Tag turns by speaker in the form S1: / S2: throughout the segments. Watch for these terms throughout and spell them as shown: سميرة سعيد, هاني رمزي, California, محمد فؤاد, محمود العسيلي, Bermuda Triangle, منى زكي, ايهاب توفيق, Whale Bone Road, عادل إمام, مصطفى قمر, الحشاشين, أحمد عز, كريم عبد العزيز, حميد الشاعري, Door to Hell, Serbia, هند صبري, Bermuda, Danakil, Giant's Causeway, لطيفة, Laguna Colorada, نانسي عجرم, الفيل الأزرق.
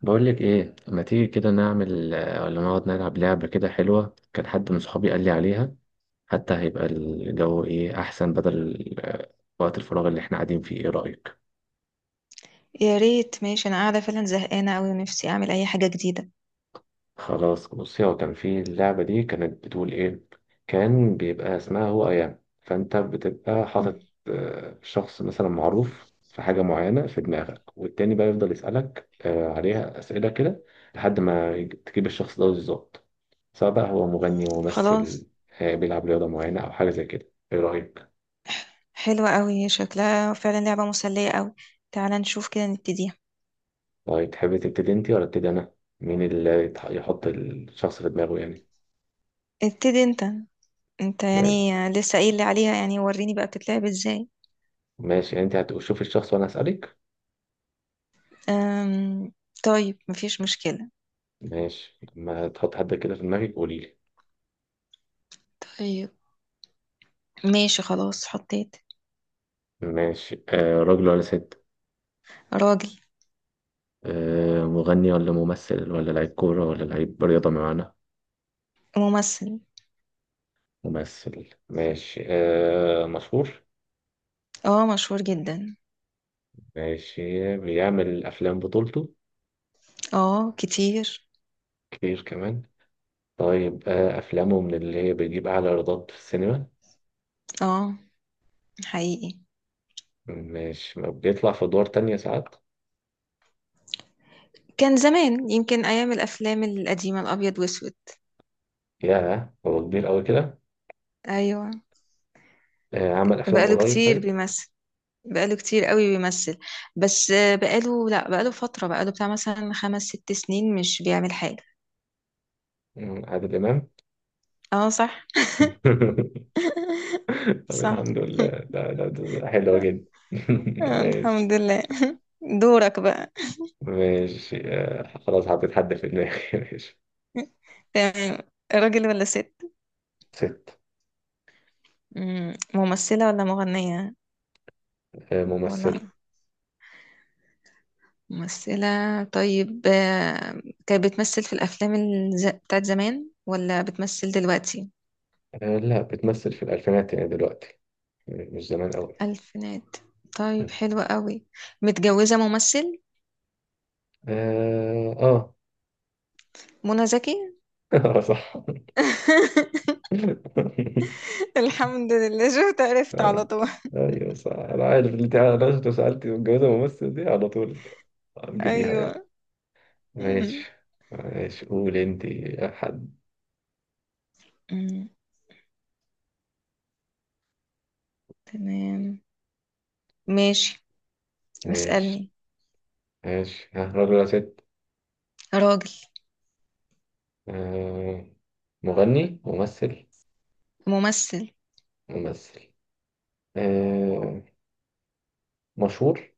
S1: بقول لك ايه؟ ما تيجي كده نعمل ولا نقعد نلعب لعبة كده حلوة؟ كان حد من صحابي قال لي عليها. حتى هيبقى الجو ايه احسن؟ بدل وقت الفراغ اللي احنا قاعدين فيه، ايه رأيك؟
S2: يا ريت. ماشي، انا قاعده فعلا زهقانه قوي ونفسي اعمل اي حاجه جديده.
S1: خلاص بصي، هو كان في اللعبة دي كانت بتقول إيه. كان بيبقى اسمها هو أيام، فأنت بتبقى
S2: مم.
S1: حاطط شخص مثلا معروف في حاجة معينة في دماغك، والتاني بقى يفضل يسألك عليها أسئلة كده. لحد ما تجيب الشخص ده بالظبط. سواء بقى هو مغني،
S2: خلاص.
S1: ممثل، بيلعب رياضة معينة أو حاجة زي كده. إيه رأيك؟
S2: حلوه قوي شكلها، فعلا لعبه مسليه قوي. تعالى نشوف كده نبتديها.
S1: طيب تحبي تبتدي أنت ولا أبتدي أنا؟ مين اللي يحط الشخص في دماغه يعني؟
S2: ابتدي انت. انت يعني. لسه قايل لي عليها يعني، وريني بقى بتتلعب ازاي.
S1: ماشي، يعني أنت هتشوفي الشخص وأنا هسألك.
S2: أم... طيب، مفيش مشكله.
S1: ماشي، لما تحط حد كده في دماغك قولي لي.
S2: طيب. ماشي، خلاص حطيت.
S1: ماشي. راجل ولا ست؟
S2: راجل.
S1: مغني ولا ممثل ولا لعيب كورة ولا لعيب رياضة معانا؟
S2: ممثل.
S1: ممثل. ماشي. مشهور؟
S2: اه، مشهور جدا.
S1: ماشي، بيعمل أفلام بطولته؟
S2: اه، كتير.
S1: كتير كمان. طيب، أفلامه من اللي هي بيجيب أعلى إيرادات في السينما؟
S2: اه، حقيقي.
S1: ماشي. ما بيطلع في أدوار تانية ساعات؟
S2: كان زمان، يمكن ايام الافلام القديمه الابيض واسود.
S1: ياه، هو كبير أوي كده!
S2: ايوه.
S1: عمل أفلام
S2: بقاله
S1: قريب؟
S2: كتير
S1: طيب.
S2: بيمثل. بقاله كتير قوي بيمثل. بس بقاله لا بقاله فترة، بقاله بتاع مثلا 5 6 سنين مش بيعمل حاجة.
S1: عادل إمام.
S2: اه صح.
S1: طب
S2: صح.
S1: الحمد لله. ده حلوة جدا. ماشي.
S2: الحمد لله. دورك بقى.
S1: ماشي، خلاص حطيت حد في دماغي. ماشي.
S2: تمام. راجل ولا ست؟
S1: ست.
S2: ممثلة ولا مغنية؟ ولا
S1: ممثلة.
S2: ممثلة. طيب كانت بتمثل في الأفلام بتاعت زمان ولا بتمثل دلوقتي؟
S1: لا، بتمثل في الألفينات يعني دلوقتي. مش زمان أوي.
S2: ألفينات. طيب حلوة قوي. متجوزة ممثل.
S1: آه، آه.
S2: منى زكي.
S1: آه، صح.
S2: الحمد لله، شفت عرفت على
S1: آه،
S2: طول.
S1: أيوه صح. أنا عارف اللي أنت، أنا لو سألتي متجوزة ممثل دي على طول هتجيبيها يعني.
S2: ايوه. أمم،
S1: ماشي. ماشي، قول أنت يا حد.
S2: أمم، تمام. ماشي.
S1: ماشي.
S2: اسألني.
S1: ماشي. ها، راجل ولا ست؟
S2: راجل.
S1: آه، مغني، ممثل؟
S2: ممثل.
S1: ممثل. آه، مشهور؟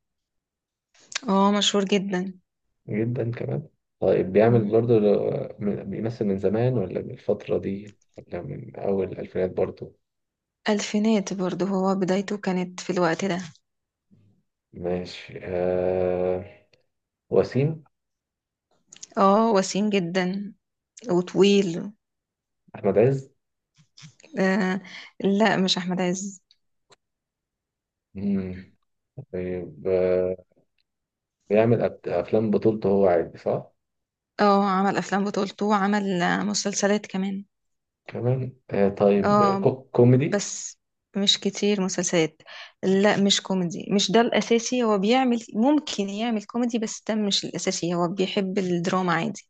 S2: اه، مشهور جدا.
S1: جدا كمان. طيب، بيعمل
S2: أمم،
S1: برضو. بيمثل من زمان ولا من الفترة دي ولا من أول الألفينات برضو؟
S2: الفينات برضه، هو بدايته كانت في الوقت ده.
S1: ماشي. وسيم؟
S2: اه، وسيم جدا. وطويل.
S1: أحمد عز؟
S2: آه. لا، مش احمد عز.
S1: مم. طيب، بيعمل أفلام بطولته هو عادي صح؟
S2: اه، عمل افلام بطولته، وعمل مسلسلات كمان.
S1: كمان. طيب،
S2: اه،
S1: كوميدي؟
S2: بس مش كتير مسلسلات. لا، مش كوميدي، مش ده الأساسي. هو بيعمل، ممكن يعمل كوميدي، بس ده مش الأساسي. هو بيحب الدراما عادي.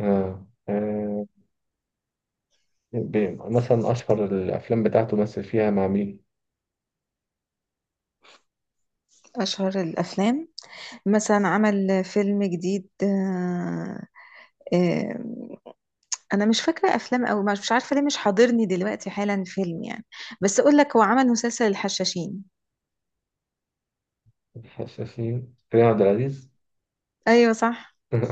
S1: آه، آه، مثلا أشهر الأفلام بتاعته مثل فيها مع مين؟
S2: أشهر الأفلام. مثلا عمل فيلم جديد. آه، أنا مش فاكرة أفلام، أو مش عارفة ليه، مش حاضرني دلوقتي حالا فيلم يعني. بس أقول لك، هو عمل مسلسل الحشاشين.
S1: حشاشين؟ كريم عبد العزيز.
S2: أيوة صح.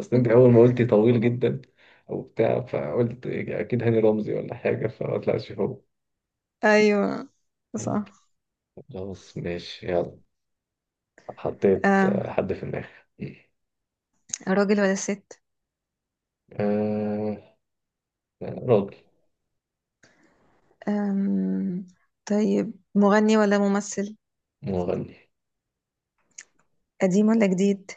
S1: اصل انت اول ما قلتي طويل جدا وبتاع، فقلت اكيد هاني رمزي ولا حاجه، فما طلعش هو.
S2: أيوة صح.
S1: خلاص ماشي، يلا. حطيت
S2: آه،
S1: حد في دماغي.
S2: راجل ولا ست.
S1: آه، راجل.
S2: آم، طيب مغني ولا ممثل.
S1: مغني.
S2: قديم ولا جديد.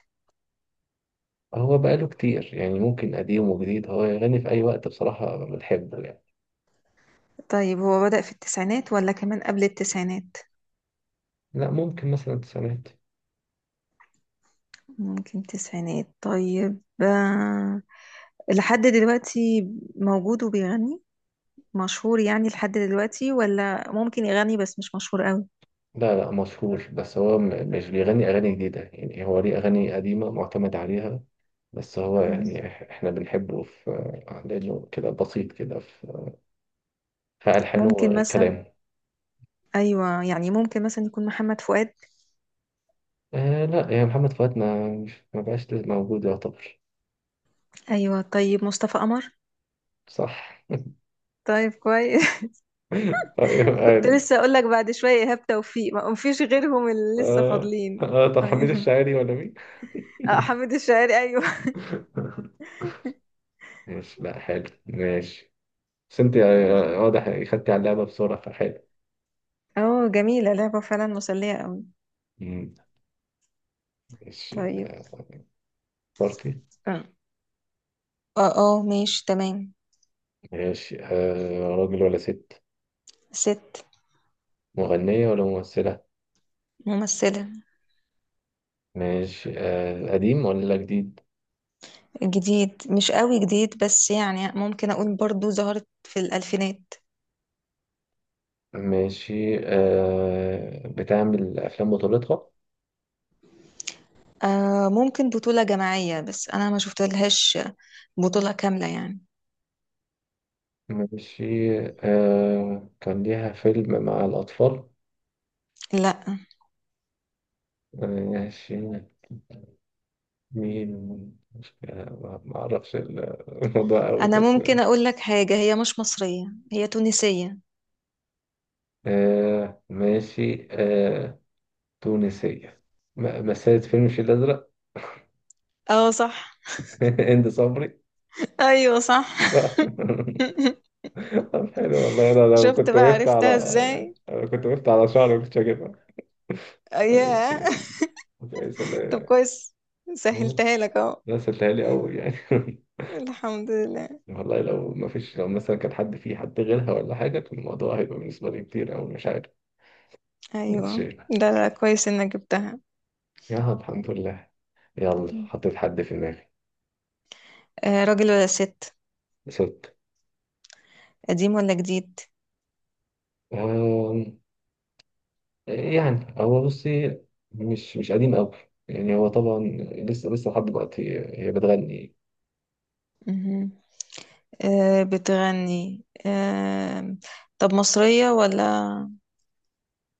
S1: هو بقاله كتير. يعني ممكن قديم وجديد، هو يغني في أي وقت. بصراحة بنحبه يعني.
S2: طيب هو بدأ في التسعينات ولا كمان قبل التسعينات.
S1: لا، ممكن مثلا التسعينات.
S2: ممكن تسعينات. طيب. لحد دلوقتي موجود وبيغني؟ مشهور يعني لحد دلوقتي، ولا ممكن يغني بس مش مشهور قوي.
S1: لا، لا، مشهور، بس هو مش بيغني أغاني جديدة. يعني هو ليه أغاني قديمة معتمد عليها. بس هو
S2: مم.
S1: يعني احنا بنحبه في. لانه كده بسيط كده في ألحانه
S2: ممكن مثلا.
S1: وكلامه.
S2: ايوه يعني، ممكن مثلا يكون محمد فؤاد.
S1: آه، لا يا محمد فؤاد، ما بقاش لازم موجود يعتبر.
S2: ايوه، طيب مصطفى قمر.
S1: صح.
S2: طيب كويس.
S1: أيوة،
S2: كنت
S1: قال.
S2: لسه اقول لك بعد شويه ايهاب توفيق، ما فيش غيرهم اللي لسه فاضلين.
S1: طب حميد
S2: ايوه.
S1: الشاعري ولا مين؟
S2: حميد الشاعري، ايوه.
S1: ماشي، لا حلو ماشي. بس انت
S2: تمام.
S1: واضح يعني خدتي على اللعبة بسرعة فحلو.
S2: اه، جميلة لعبة، فعلا مسلية أوي.
S1: مم. ماشي.
S2: طيب.
S1: اخترتي؟
S2: اه ماشي تمام.
S1: ماشي. راجل ولا ست؟
S2: ست.
S1: مغنية ولا ممثلة؟
S2: ممثلة.
S1: ماشي. قديم ولا جديد؟
S2: جديد، مش قوي جديد، بس يعني ممكن أقول برضو ظهرت في الألفينات.
S1: ماشي. بتعمل أفلام بطولتها؟
S2: آه، ممكن بطولة جماعية، بس أنا ما شفتلهاش. بطولة كاملة يعني.
S1: ماشي. كان ليها فيلم مع الأطفال؟
S2: لا.
S1: ماشي. مين؟ مش، ما أعرفش الموضوع أوي
S2: أنا
S1: بس.
S2: ممكن أقول لك حاجة، هي مش مصرية. هي تونسية.
S1: آه، ماشي. تونسية. مثلت فيلم الفيل الأزرق؟
S2: اه صح.
S1: هند صبري؟
S2: أيوه صح.
S1: صح. طب حلو والله. أنا
S2: شفت بقى عرفتها ازاي.
S1: لو كنت وقفت على شعري كنت هجيبها.
S2: آه،
S1: طيب
S2: ياه.
S1: كويس.
S2: طب
S1: كويس.
S2: كويس.
S1: والله.
S2: سهلتها لك اهو.
S1: لا، سهلتهالي أوي يعني.
S2: الحمد لله.
S1: والله، لو ما فيش لو مثلا كان حد، فيه حد غيرها ولا حاجة، كان الموضوع هيبقى بالنسبة لي كتير أوي، مش عارف. مش.
S2: ايوه، ده لا، كويس انك جبتها.
S1: يا الحمد لله. يلا،
S2: مم.
S1: حطيت حد في دماغي.
S2: آه، راجل ولا ست.
S1: ست.
S2: قديم ولا جديد.
S1: أم... يعني هو، بصي. مش قديم أوي. يعني هو طبعا. لسه لسه لحد دلوقتي هي بتغني.
S2: مهم. آه، بتغني آه. طب مصرية، ولا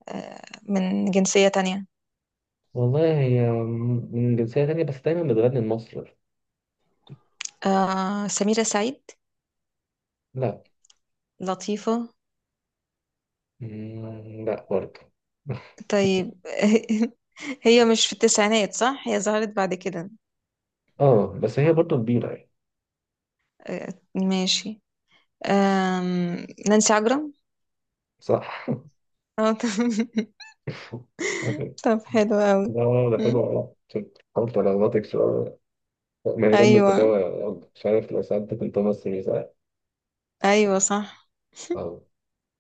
S2: آه، من جنسية تانية.
S1: والله، هي من جنسية تانية بس دايما بتغني لمصر.
S2: آه، سميرة سعيد.
S1: لا.
S2: لطيفة.
S1: مم، لا برضه.
S2: طيب. هي مش في التسعينات، صح؟ هي ظهرت بعد كده.
S1: اه، بس هي برضه كبيرة يعني.
S2: آه، ماشي. نانسي عجرم.
S1: صح.
S2: طب. طب حلو قوي.
S1: لا، لا، لا، حلو
S2: مم.
S1: والله. حاولت على غلطك شوية. مهرجان
S2: أيوة.
S1: التجارة، يلا، مش عارف. لو سألتك أنت مصري ساعة؟
S2: أيوة صح.
S1: أه.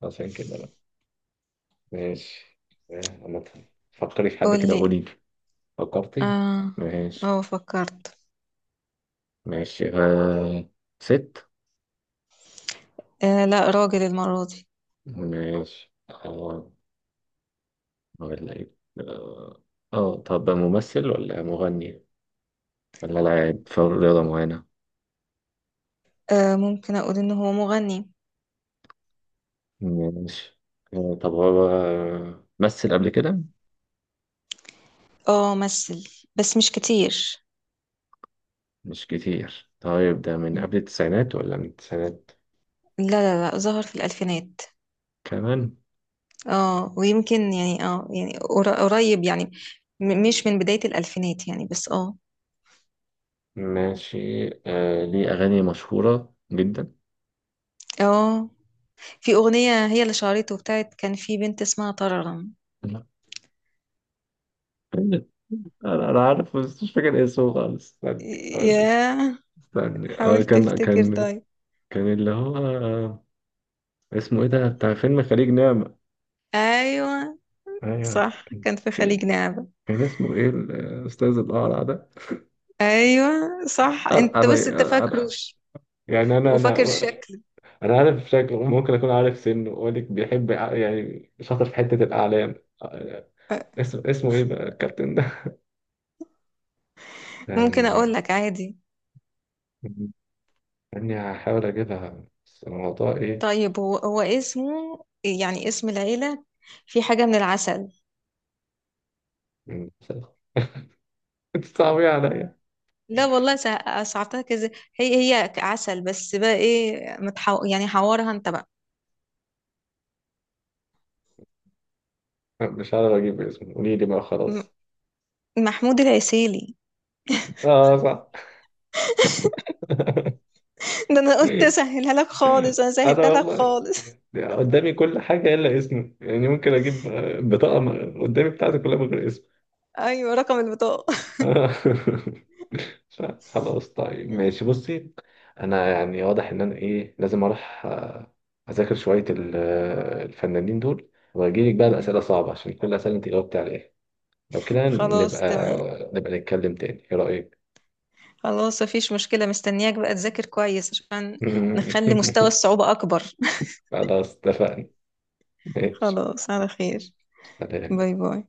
S1: عشان كده بقى. ماشي. أنا فكري في حد كده،
S2: قولي.
S1: قولي لي. فكرتي؟
S2: اه.
S1: ماشي.
S2: اه فكرت.
S1: ماشي. ست؟
S2: آه، لا راجل المرة دي.
S1: ماشي، أه. ولا إيه؟ أه. طب ممثل ولا مغني؟ ولا لاعب في رياضة معينة؟
S2: آه، ممكن اقول ان هو مغني.
S1: ماشي. طب هو مثل قبل كده؟
S2: اه، مثل، بس مش كتير.
S1: مش كتير؟ طيب، ده من
S2: م.
S1: قبل التسعينات ولا من التسعينات؟
S2: لا لا لا، ظهر في الالفينات.
S1: كمان.
S2: اه، ويمكن يعني، اه يعني قريب يعني. مش من بداية الالفينات يعني، بس اه.
S1: ماشي. ليه أغاني مشهورة جدا؟
S2: اه. في اغنية هي اللي شهرته، بتاعت كان في بنت اسمها طررم.
S1: لا. أنا عارف بس مش فاكر اسمه خالص. استني أقول لك.
S2: ياه.
S1: استني. آه
S2: حاول
S1: كان
S2: تفتكر
S1: كان
S2: طيب.
S1: كان اللي هو، اسمه إيه ده، بتاع فيلم خليج نعمة.
S2: ايوه
S1: أيوه.
S2: صح، كان في خليج
S1: كان
S2: نعمة.
S1: كان اسمه إيه الأستاذ الأقرع ده؟
S2: ايوه صح،
S1: أنا
S2: انت بس انت
S1: أنا أنا
S2: فاكروش.
S1: يعني أنا أنا
S2: وفاكر شكله.
S1: أنا عارف شكله، ممكن أكون عارف سنه. أقول لك، بيحب يعني شاطر في حتة الأعلام. اسمه ايه بقى الكابتن ده؟
S2: ممكن اقول
S1: يعني
S2: لك عادي.
S1: اني هحاول اجيبها، بس الموضوع ايه.
S2: طيب هو اسمه، يعني اسم العيلة، في حاجة من العسل.
S1: مم. انت صعبيه عليا.
S2: لا والله، صعبتها كذا. هي عسل، بس بقى ايه، يعني حوارها انت بقى.
S1: مش عارف اجيب اسمه، قولي لي بقى،
S2: م-
S1: خلاص.
S2: محمود العسيلي.
S1: اه، صح.
S2: ده انا قلت اسهلها لك خالص، انا
S1: انا
S2: سهلتها لك
S1: والله.
S2: خالص.
S1: قدامي كل حاجه الا اسمه. يعني ممكن اجيب. بطاقه. قدامي بتاعتي كلها من غير اسم.
S2: ايوه، رقم البطاقة.
S1: آه. خلاص طيب، ماشي بصي. انا يعني واضح ان انا ايه لازم اروح اذاكر شويه الفنانين دول، واجيلك بقى
S2: مهم.
S1: باسئله صعبه، عشان كل الاسئله انت جاوبتي عليها. لو كده نبقى.
S2: خلاص تمام.
S1: نبقى نتكلم تاني، ايه رايك؟
S2: خلاص، مفيش مشكلة، مستنياك بقى تذاكر كويس عشان نخلي مستوى الصعوبة اكبر.
S1: خلاص اتفقنا. ماشي.
S2: خلاص، على خير.
S1: سلام.
S2: باي باي.